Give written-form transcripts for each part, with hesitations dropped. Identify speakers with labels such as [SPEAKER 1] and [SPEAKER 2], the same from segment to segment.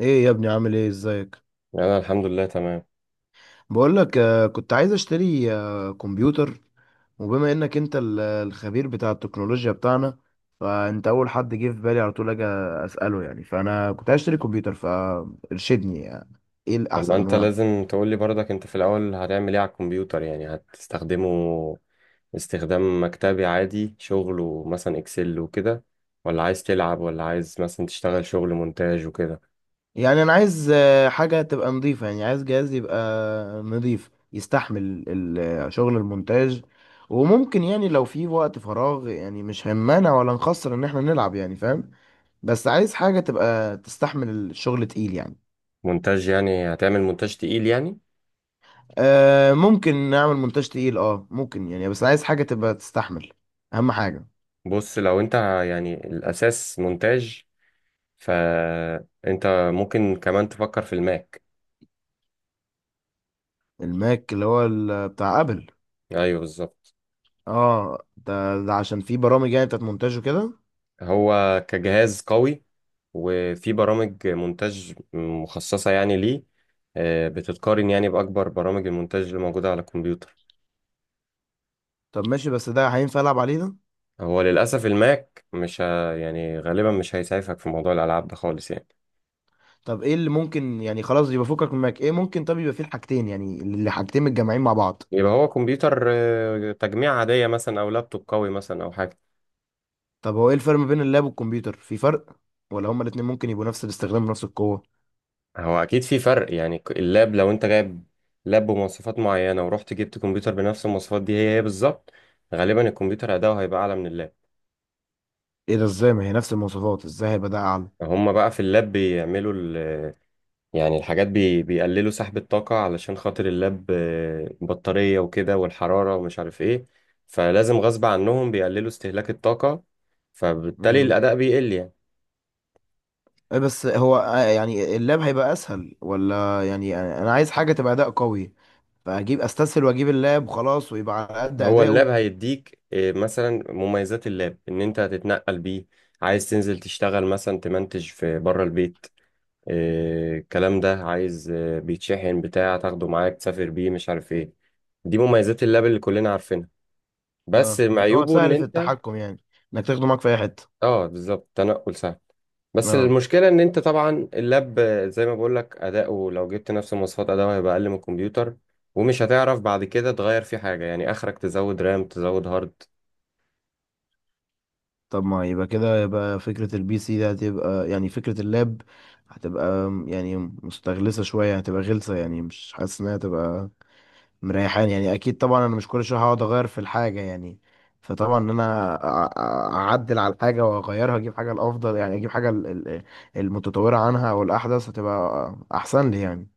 [SPEAKER 1] ايه يا ابني؟ عامل ايه؟ ازيك؟
[SPEAKER 2] انا الحمد لله تمام.
[SPEAKER 1] بقول لك كنت عايز اشتري كمبيوتر. وبما انك انت الخبير بتاع التكنولوجيا بتاعنا، فانت اول حد جه في بالي، على طول اجي اساله يعني. فانا كنت عايز اشتري كمبيوتر، فارشدني يعني ايه
[SPEAKER 2] طب ما
[SPEAKER 1] الاحسن
[SPEAKER 2] انت
[SPEAKER 1] انواعه.
[SPEAKER 2] لازم تقول لي برضك انت في الاول هتعمل ايه على الكمبيوتر، يعني هتستخدمه استخدام مكتبي عادي شغل ومثلا اكسل وكده، ولا عايز تلعب ولا عايز مثلا تشتغل شغل مونتاج وكده؟
[SPEAKER 1] يعني انا عايز حاجه تبقى نظيفه، يعني عايز جهاز يبقى نظيف يستحمل شغل المونتاج. وممكن يعني لو في وقت فراغ، يعني مش هنمانع ولا نخسر ان احنا نلعب يعني، فاهم؟ بس عايز حاجة تبقى تستحمل الشغل تقيل يعني.
[SPEAKER 2] مونتاج؟ يعني هتعمل مونتاج تقيل يعني؟
[SPEAKER 1] آه ممكن نعمل مونتاج تقيل، اه ممكن يعني، بس عايز حاجة تبقى تستحمل، اهم حاجة.
[SPEAKER 2] بص، يعني الاساس مونتاج، فانت ممكن كمان تفكر في الماك.
[SPEAKER 1] الماك اللي هو بتاع ابل؟
[SPEAKER 2] ايوه بالظبط.
[SPEAKER 1] اه ده، ده عشان في برامج يعني بتاعت مونتاج وكده.
[SPEAKER 2] هو كجهاز قوي، وفي برامج مونتاج مخصصة يعني ليه، بتتقارن يعني بأكبر برامج المونتاج اللي موجودة على الكمبيوتر.
[SPEAKER 1] طب ماشي، بس ده هينفع العب عليه ده؟
[SPEAKER 2] هو للأسف الماك مش ه... يعني غالبا مش هيسعفك في موضوع الألعاب ده خالص يعني.
[SPEAKER 1] طب ايه اللي ممكن يعني؟ خلاص يبقى فكك من الماك. ايه ممكن طب يبقى فيه الحاجتين يعني، اللي حاجتين متجمعين مع بعض؟
[SPEAKER 2] يبقى هو كمبيوتر تجميع عادية مثلا أو لابتوب قوي مثلا أو حاجة.
[SPEAKER 1] طب هو ايه الفرق ما بين اللاب والكمبيوتر؟ في فرق ولا هما الاتنين ممكن يبقوا نفس الاستخدام ونفس القوة؟
[SPEAKER 2] هو أكيد في فرق، يعني اللاب لو أنت جايب لاب بمواصفات معينة ورحت جبت كمبيوتر بنفس المواصفات دي، هي هي بالظبط، غالبا الكمبيوتر أداؤه هيبقى أعلى من اللاب.
[SPEAKER 1] ايه ده؟ ازاي؟ ما هي نفس المواصفات، ازاي هيبقى ده
[SPEAKER 2] هما بقى في اللاب بيعملوا، يعني الحاجات بيقللوا سحب الطاقة علشان خاطر اللاب، بطارية وكده والحرارة ومش عارف ايه، فلازم غصب عنهم بيقللوا استهلاك الطاقة، فبالتالي
[SPEAKER 1] اعلى؟
[SPEAKER 2] الأداء بيقل يعني.
[SPEAKER 1] إيه بس هو يعني اللاب هيبقى اسهل؟ ولا يعني انا عايز حاجه تبقى اداء قوي، فاجيب استسهل واجيب اللاب وخلاص، ويبقى على قد
[SPEAKER 2] هو
[SPEAKER 1] اداؤه؟
[SPEAKER 2] اللاب هيديك مثلا مميزات اللاب إن أنت هتتنقل بيه، عايز تنزل تشتغل مثلا تمنتج في بره البيت، الكلام ده عايز، بيتشحن بتاع تاخده معاك تسافر بيه مش عارف ايه، دي مميزات اللاب اللي كلنا عارفينها، بس
[SPEAKER 1] اه، ان هو
[SPEAKER 2] عيوبه إن
[SPEAKER 1] سهل في
[SPEAKER 2] أنت،
[SPEAKER 1] التحكم يعني، انك تاخده معاك في اي حته.
[SPEAKER 2] اه بالظبط، تنقل سهل، بس
[SPEAKER 1] اه.
[SPEAKER 2] المشكلة ان انت طبعا اللاب زي ما بقولك اداؤه لو جبت نفس مواصفات اداؤه هيبقى اقل من الكمبيوتر، ومش هتعرف بعد كده تغير فيه حاجة، يعني اخرك تزود رام تزود هارد.
[SPEAKER 1] طب ما يبقى كده، يبقى فكره البي سي ده هتبقى يعني، فكره اللاب هتبقى يعني مستغلسه شويه، هتبقى غلسه يعني، مش حاسس انها هتبقى مريحان يعني. اكيد طبعا انا مش كل شويه هقعد اغير في الحاجه يعني، فطبعا ان انا اعدل على الحاجه واغيرها، اجيب حاجه الافضل يعني، اجيب حاجه المتطوره عنها او الاحدث هتبقى احسن لي يعني.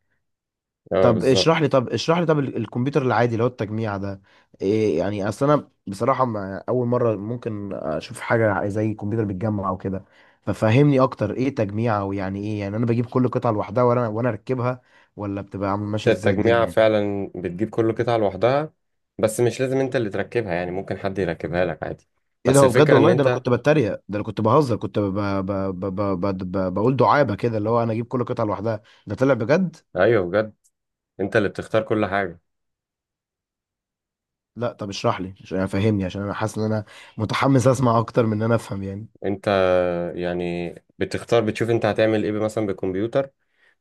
[SPEAKER 2] اه
[SPEAKER 1] طب
[SPEAKER 2] بالظبط.
[SPEAKER 1] اشرح لي، طب الكمبيوتر العادي اللي هو التجميع ده إيه يعني؟ اصل انا بصراحه ما اول مره ممكن اشوف حاجه زي كمبيوتر بيتجمع او كده، ففهمني اكتر ايه تجميع، او يعني ايه يعني؟ انا بجيب كل قطعه لوحدها وانا اركبها، ولا بتبقى عامل ماشيه ازاي
[SPEAKER 2] التجميعة
[SPEAKER 1] الدنيا؟
[SPEAKER 2] فعلا بتجيب كل قطعة لوحدها، بس مش لازم انت اللي تركبها، يعني ممكن حد يركبها لك عادي،
[SPEAKER 1] ايه ده؟
[SPEAKER 2] بس
[SPEAKER 1] هو بجد؟
[SPEAKER 2] الفكرة ان
[SPEAKER 1] والله ده انا
[SPEAKER 2] انت،
[SPEAKER 1] كنت بتريق، ده انا كنت بهزر، كنت ب... ب... ب... بقول دعابه كده، اللي هو انا اجيب كل قطعه لوحدها، ده طلع بجد.
[SPEAKER 2] ايوه بجد، انت اللي بتختار كل حاجة.
[SPEAKER 1] لا طب اشرح لي عشان فهمني، عشان انا حاسس ان انا متحمس اسمع اكتر من ان انا افهم يعني.
[SPEAKER 2] انت يعني بتختار، بتشوف انت هتعمل ايه مثلا بالكمبيوتر،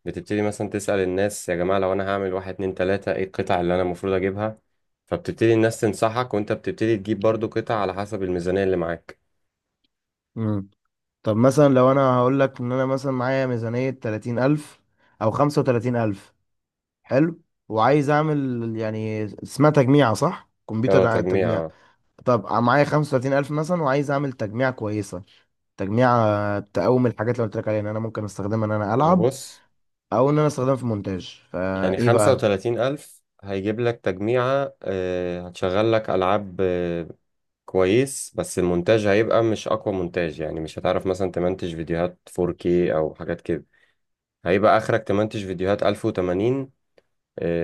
[SPEAKER 2] بتبتدي مثلا تسأل الناس يا جماعة لو أنا هعمل واحد اتنين تلاتة إيه القطع اللي أنا المفروض أجيبها، فبتبتدي الناس تنصحك وأنت بتبتدي تجيب برضو قطع على حسب الميزانية اللي معاك.
[SPEAKER 1] امم. طب مثلا لو انا هقول لك ان انا مثلا معايا ميزانيه 30000 او 35000. حلو. وعايز اعمل يعني اسمها تجميعه، صح؟
[SPEAKER 2] اه
[SPEAKER 1] كمبيوتر
[SPEAKER 2] تجميع
[SPEAKER 1] تجميع.
[SPEAKER 2] اه.
[SPEAKER 1] طب معايا 35000 مثلا، وعايز اعمل تجميعة كويسة، تجميعة تقوم الحاجات اللي قلت لك عليها، ان انا ممكن استخدمها ان انا العب،
[SPEAKER 2] وبص،
[SPEAKER 1] او ان انا استخدمها في مونتاج.
[SPEAKER 2] يعني
[SPEAKER 1] فايه
[SPEAKER 2] خمسة
[SPEAKER 1] بقى؟
[SPEAKER 2] وتلاتين ألف هيجيب لك تجميعة، هتشغل لك ألعاب، كويس، بس المونتاج هيبقى مش أقوى مونتاج، يعني مش هتعرف مثلا تمنتج فيديوهات 4K أو حاجات كده، هيبقى آخرك تمنتج فيديوهات 1080،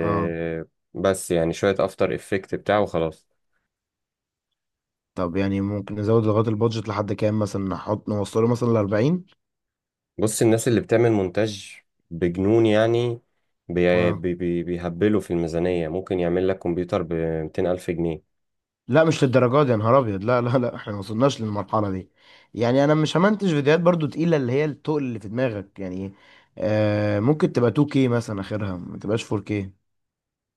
[SPEAKER 1] اه.
[SPEAKER 2] بس يعني شوية أفتر إفكت بتاعه وخلاص.
[SPEAKER 1] طب يعني ممكن نزود لغاية البادجت لحد كام مثلا؟ نحط نوصله مثلا ل 40؟
[SPEAKER 2] بص الناس اللي بتعمل مونتاج بجنون يعني، بي
[SPEAKER 1] اه
[SPEAKER 2] بي بي بيهبلوا في الميزانية، ممكن يعمل لك كمبيوتر ب 200 ألف جنيه.
[SPEAKER 1] لا، مش للدرجات دي، يا نهار ابيض، لا لا لا، احنا ما وصلناش للمرحلة دي. يعني انا مش همنتج فيديوهات برضو تقيلة، اللي هي التقل اللي في دماغك يعني. آه ممكن تبقى 2K مثلا اخرها، ما تبقاش 4K.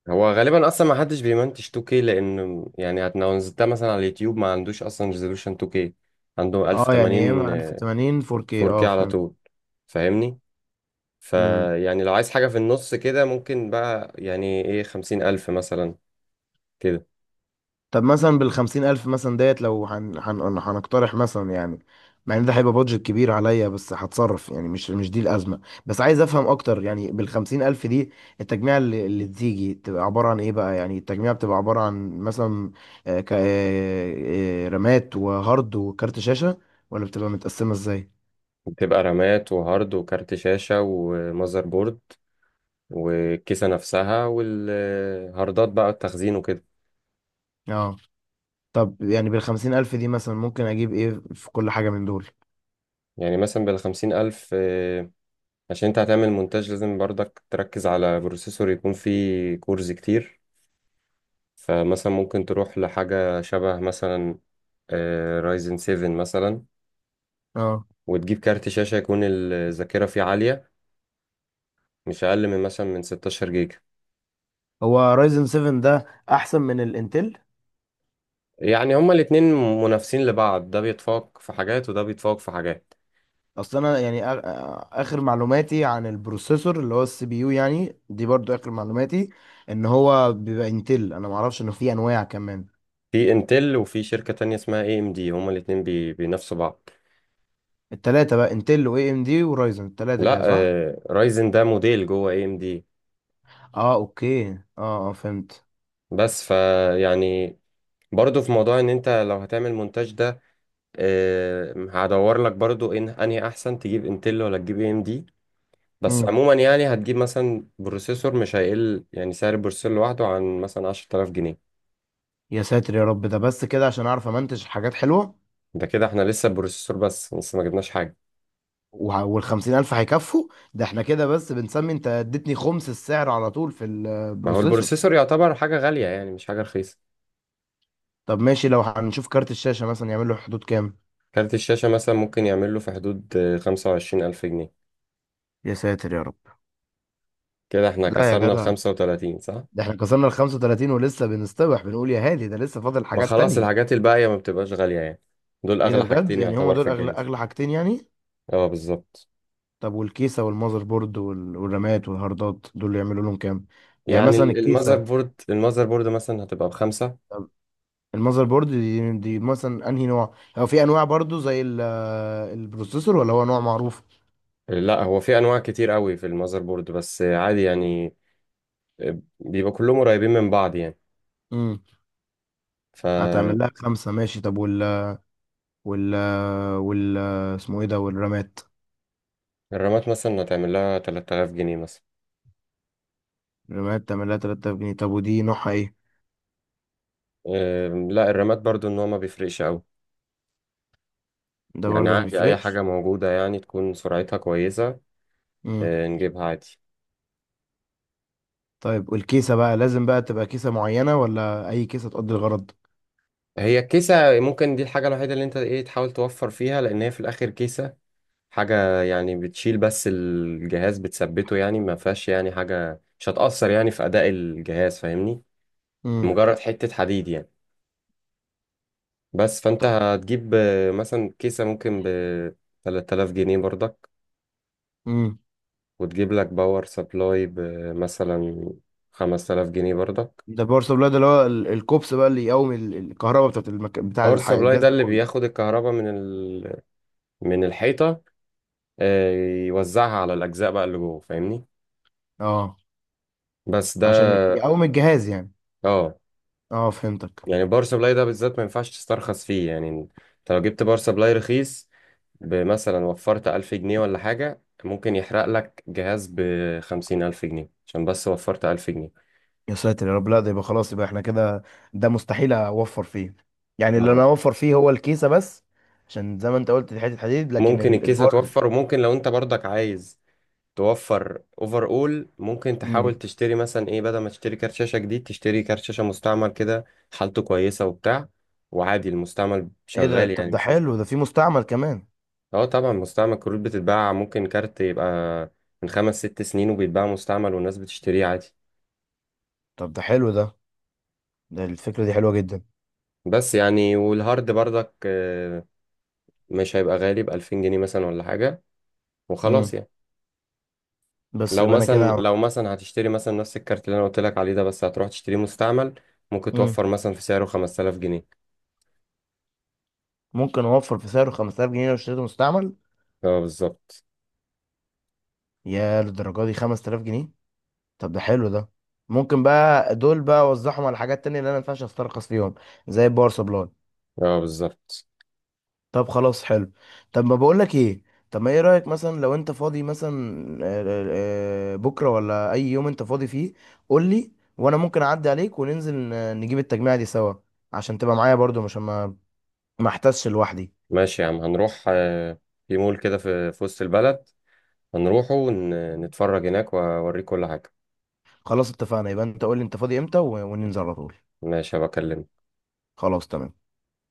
[SPEAKER 2] هو غالبا أصلا ما حدش بيمنتج 2K، لأن يعني لو نزلتها مثلا على اليوتيوب ما عندوش أصلا ريزولوشن 2K، عنده
[SPEAKER 1] اه يعني يا اما
[SPEAKER 2] 1080
[SPEAKER 1] 1080، 4K. اه
[SPEAKER 2] 4K على
[SPEAKER 1] فهمت.
[SPEAKER 2] طول فاهمني.
[SPEAKER 1] امم.
[SPEAKER 2] فيعني لو عايز حاجة في النص كده، ممكن بقى يعني إيه 50 ألف مثلا كده.
[SPEAKER 1] طب مثلا بالخمسين ألف مثلا ديت، لو هنقترح مثلا يعني، مع ان ده هيبقى بادجت كبير عليا، بس هتصرف يعني، مش دي الأزمة. بس عايز أفهم أكتر يعني بالخمسين ألف دي التجميع اللي تيجي تبقى عبارة عن إيه بقى؟ يعني التجميع بتبقى عبارة عن مثلا آه، ك... آه، آه، رامات وهارد وكارت شاشة؟ ولا بتبقى متقسمة إزاي؟
[SPEAKER 2] بتبقى رامات وهارد وكارت شاشة ومذر بورد والكيسة نفسها والهاردات بقى التخزين وكده.
[SPEAKER 1] اه. طب يعني بالخمسين ألف دي مثلا ممكن أجيب إيه في كل حاجة من دول؟
[SPEAKER 2] يعني مثلا بالخمسين ألف، عشان انت هتعمل مونتاج لازم برضك تركز على بروسيسور يكون فيه كورز كتير، فمثلا ممكن تروح لحاجة شبه مثلا رايزن 7 مثلا،
[SPEAKER 1] اه.
[SPEAKER 2] وتجيب كارت شاشة يكون الذاكرة فيه عالية، مش أقل من مثلا من 16 جيجا.
[SPEAKER 1] هو رايزن 7 ده أحسن من الإنتل؟
[SPEAKER 2] يعني هما الاتنين منافسين لبعض، ده بيتفوق في حاجات وده بيتفوق في حاجات.
[SPEAKER 1] اصل انا يعني اخر معلوماتي عن البروسيسور اللي هو السي بي يو يعني، دي برضو اخر معلوماتي، ان هو بيبقى انتل. انا ما اعرفش انه في انواع كمان.
[SPEAKER 2] في انتل وفي شركة تانية اسمها اي ام دي، هما الاتنين بينافسوا بعض.
[SPEAKER 1] التلاتة بقى انتل واي ام دي ورايزن، التلاتة
[SPEAKER 2] لا،
[SPEAKER 1] كده صح؟
[SPEAKER 2] رايزن ده موديل جوه اي ام دي.
[SPEAKER 1] اه اوكي. اه اه فهمت.
[SPEAKER 2] بس ف يعني برضو في موضوع ان انت لو هتعمل مونتاج ده، هدور لك برضو ان انهي احسن تجيب انتل ولا تجيب اي ام دي، بس
[SPEAKER 1] مم.
[SPEAKER 2] عموما يعني هتجيب مثلا بروسيسور مش هيقل، يعني سعر البروسيسور لوحده عن مثلا 10000 جنيه.
[SPEAKER 1] يا ساتر يا رب، ده بس كده عشان اعرف امنتج حاجات حلوة؟
[SPEAKER 2] ده كده احنا لسه البروسيسور بس لسه ما جبناش حاجه.
[SPEAKER 1] وع- والخمسين الف هيكفوا؟ ده احنا كده بس بنسمي، انت اديتني خمس السعر على طول في
[SPEAKER 2] ما هو
[SPEAKER 1] البروسيسور.
[SPEAKER 2] البروسيسور يعتبر حاجه غاليه يعني مش حاجه رخيصه.
[SPEAKER 1] طب ماشي، لو هنشوف كارت الشاشة مثلا يعمل له حدود كام؟
[SPEAKER 2] كارت الشاشه مثلا ممكن يعمل له في حدود، 25000 جنيه.
[SPEAKER 1] يا ساتر يا رب،
[SPEAKER 2] كده احنا
[SPEAKER 1] لا يا
[SPEAKER 2] كسرنا ال
[SPEAKER 1] جدع،
[SPEAKER 2] 35 صح؟
[SPEAKER 1] ده احنا كسرنا ال 35 ولسه بنستبح، بنقول يا هادي ده لسه فاضل
[SPEAKER 2] ما
[SPEAKER 1] حاجات
[SPEAKER 2] خلاص
[SPEAKER 1] تانية.
[SPEAKER 2] الحاجات الباقية ما بتبقاش غالية يعني، دول
[SPEAKER 1] ايه ده
[SPEAKER 2] أغلى
[SPEAKER 1] بجد؟
[SPEAKER 2] حاجتين
[SPEAKER 1] يعني هما
[SPEAKER 2] يعتبر في
[SPEAKER 1] دول اغلى
[SPEAKER 2] الجهاز.
[SPEAKER 1] اغلى حاجتين يعني؟
[SPEAKER 2] اه بالظبط.
[SPEAKER 1] طب والكيسة والمذر بورد وال- والرامات والهاردات، دول اللي يعملوا لهم كام؟ يعني
[SPEAKER 2] يعني
[SPEAKER 1] مثلا
[SPEAKER 2] المذر
[SPEAKER 1] الكيسة.
[SPEAKER 2] بورد المذر بورد مثلا هتبقى بخمسة.
[SPEAKER 1] طب المذر بورد دي مثلا انهي نوع؟ هو في انواع برضو زي البروسيسور، ولا هو نوع معروف؟
[SPEAKER 2] لا، هو في أنواع كتير قوي في المذر بورد بس عادي يعني، بيبقى كلهم قريبين من بعض يعني.
[SPEAKER 1] امم. هتعمل
[SPEAKER 2] فالرامات
[SPEAKER 1] لها خمسة، ماشي. طب وال وال اسمه ايه ده، والرامات؟
[SPEAKER 2] مثلا هتعمل لها 3000 جنيه مثلا.
[SPEAKER 1] الرامات تعمل لها 3000 جنيه، طب ودي نوعها ايه؟
[SPEAKER 2] لا، الرامات برضو إن هو ما بيفرقش قوي،
[SPEAKER 1] ده
[SPEAKER 2] يعني
[SPEAKER 1] برضو ما
[SPEAKER 2] عادي أي حاجة
[SPEAKER 1] بيفرقش.
[SPEAKER 2] موجودة يعني تكون سرعتها كويسة، نجيبها عادي.
[SPEAKER 1] طيب والكيسة بقى لازم بقى تبقى كيسة معينة، ولا أي كيسة تقضي الغرض؟
[SPEAKER 2] هي الكيسة ممكن دي الحاجة الوحيدة اللي انت ايه تحاول توفر فيها، لأن هي في الآخر كيسة حاجة يعني بتشيل بس الجهاز بتثبته، يعني ما فيهاش يعني حاجة مش هتأثر يعني في أداء الجهاز فاهمني،
[SPEAKER 1] امم.
[SPEAKER 2] مجرد حتة حديد يعني. بس فأنت
[SPEAKER 1] طب.
[SPEAKER 2] هتجيب، مثلا كيسة ممكن ب 3000 جنيه برضك،
[SPEAKER 1] امم.
[SPEAKER 2] وتجيب لك باور سبلاي بمثلا 5000 جنيه برضك.
[SPEAKER 1] ده باور سبلاي ده اللي هو الكوبس بقى، اللي يقوم الكهرباء بتاعت
[SPEAKER 2] باور سبلاي
[SPEAKER 1] الجهاز
[SPEAKER 2] ده
[SPEAKER 1] ده
[SPEAKER 2] اللي
[SPEAKER 1] كله؟
[SPEAKER 2] بياخد الكهرباء من الحيطة، آه، يوزعها على الأجزاء بقى اللي جوه فاهمني.
[SPEAKER 1] اه،
[SPEAKER 2] بس ده
[SPEAKER 1] عشان يقوم الجهاز يعني.
[SPEAKER 2] اه،
[SPEAKER 1] اه فهمتك.
[SPEAKER 2] يعني بار سبلاي ده بالذات ما ينفعش تسترخص فيه، يعني انت لو جبت بار سبلاي رخيص بمثلا وفرت ألف جنيه ولا حاجة، ممكن يحرق لك جهاز بخمسين ألف جنيه عشان بس وفرت ألف جنيه.
[SPEAKER 1] يا ساتر يا رب، لا ده يبقى خلاص، يبقى احنا كده ده مستحيل اوفر فيه. يعني اللي
[SPEAKER 2] اه.
[SPEAKER 1] انا اوفر فيه هو الكيسة بس، عشان زي ما انت قلت دي حتة حديد، لكن
[SPEAKER 2] ممكن الكيسة
[SPEAKER 1] البار.
[SPEAKER 2] توفر، وممكن لو انت برضك عايز توفر اوفر اول ممكن تحاول
[SPEAKER 1] امم.
[SPEAKER 2] تشتري مثلا ايه، بدل ما تشتري كارت شاشة جديد تشتري كارت شاشة مستعمل كده حالته كويسة وبتاع، وعادي المستعمل
[SPEAKER 1] ايه ده؟
[SPEAKER 2] شغال
[SPEAKER 1] طب
[SPEAKER 2] يعني
[SPEAKER 1] ده
[SPEAKER 2] مش مشكلة.
[SPEAKER 1] حلو، ده في مستعمل كمان؟
[SPEAKER 2] اه طبعا مستعمل، كروت بتتباع، ممكن كارت يبقى من خمس ست سنين وبيتباع مستعمل والناس بتشتريه عادي.
[SPEAKER 1] طب ده حلو ده، ده الفكرة دي حلوة جدا.
[SPEAKER 2] بس يعني والهارد برضك، مش هيبقى غالي بألفين جنيه مثلا ولا حاجة
[SPEAKER 1] امم.
[SPEAKER 2] وخلاص يعني.
[SPEAKER 1] بس يبقى انا كده
[SPEAKER 2] لو مثلا هتشتري مثلا نفس الكارت اللي انا قلت لك عليه ده، بس هتروح تشتريه مستعمل، ممكن
[SPEAKER 1] مم.
[SPEAKER 2] توفر مثلا في سعره 5000 جنيه.
[SPEAKER 1] ممكن اوفر في سعره 5000 جنيه لو اشتريته مستعمل؟
[SPEAKER 2] اه بالظبط.
[SPEAKER 1] يا للدرجه دي، 5000 جنيه؟ طب ده حلو ده. ممكن بقى دول بقى اوزعهم على حاجات تانية، اللي انا ما ينفعش استرخص فيهم، زي الباور سبلاي.
[SPEAKER 2] اه بالظبط.
[SPEAKER 1] طب خلاص حلو. طب ما بقول لك ايه، طب ما ايه رايك مثلا لو انت فاضي مثلا بكره، ولا اي يوم انت فاضي فيه، قول لي، وانا ممكن اعدي عليك وننزل نجيب التجميعه دي سوا، عشان تبقى معايا برضو، مش ما احتسش لوحدي.
[SPEAKER 2] ماشي يا عم، هنروح، في مول كده في وسط البلد، هنروحه نتفرج هناك واوريك كل حاجة.
[SPEAKER 1] خلاص اتفقنا، يبقى انت قول لي انت فاضي امتى وننزل على طول.
[SPEAKER 2] ماشي هبكلمك.
[SPEAKER 1] خلاص تمام.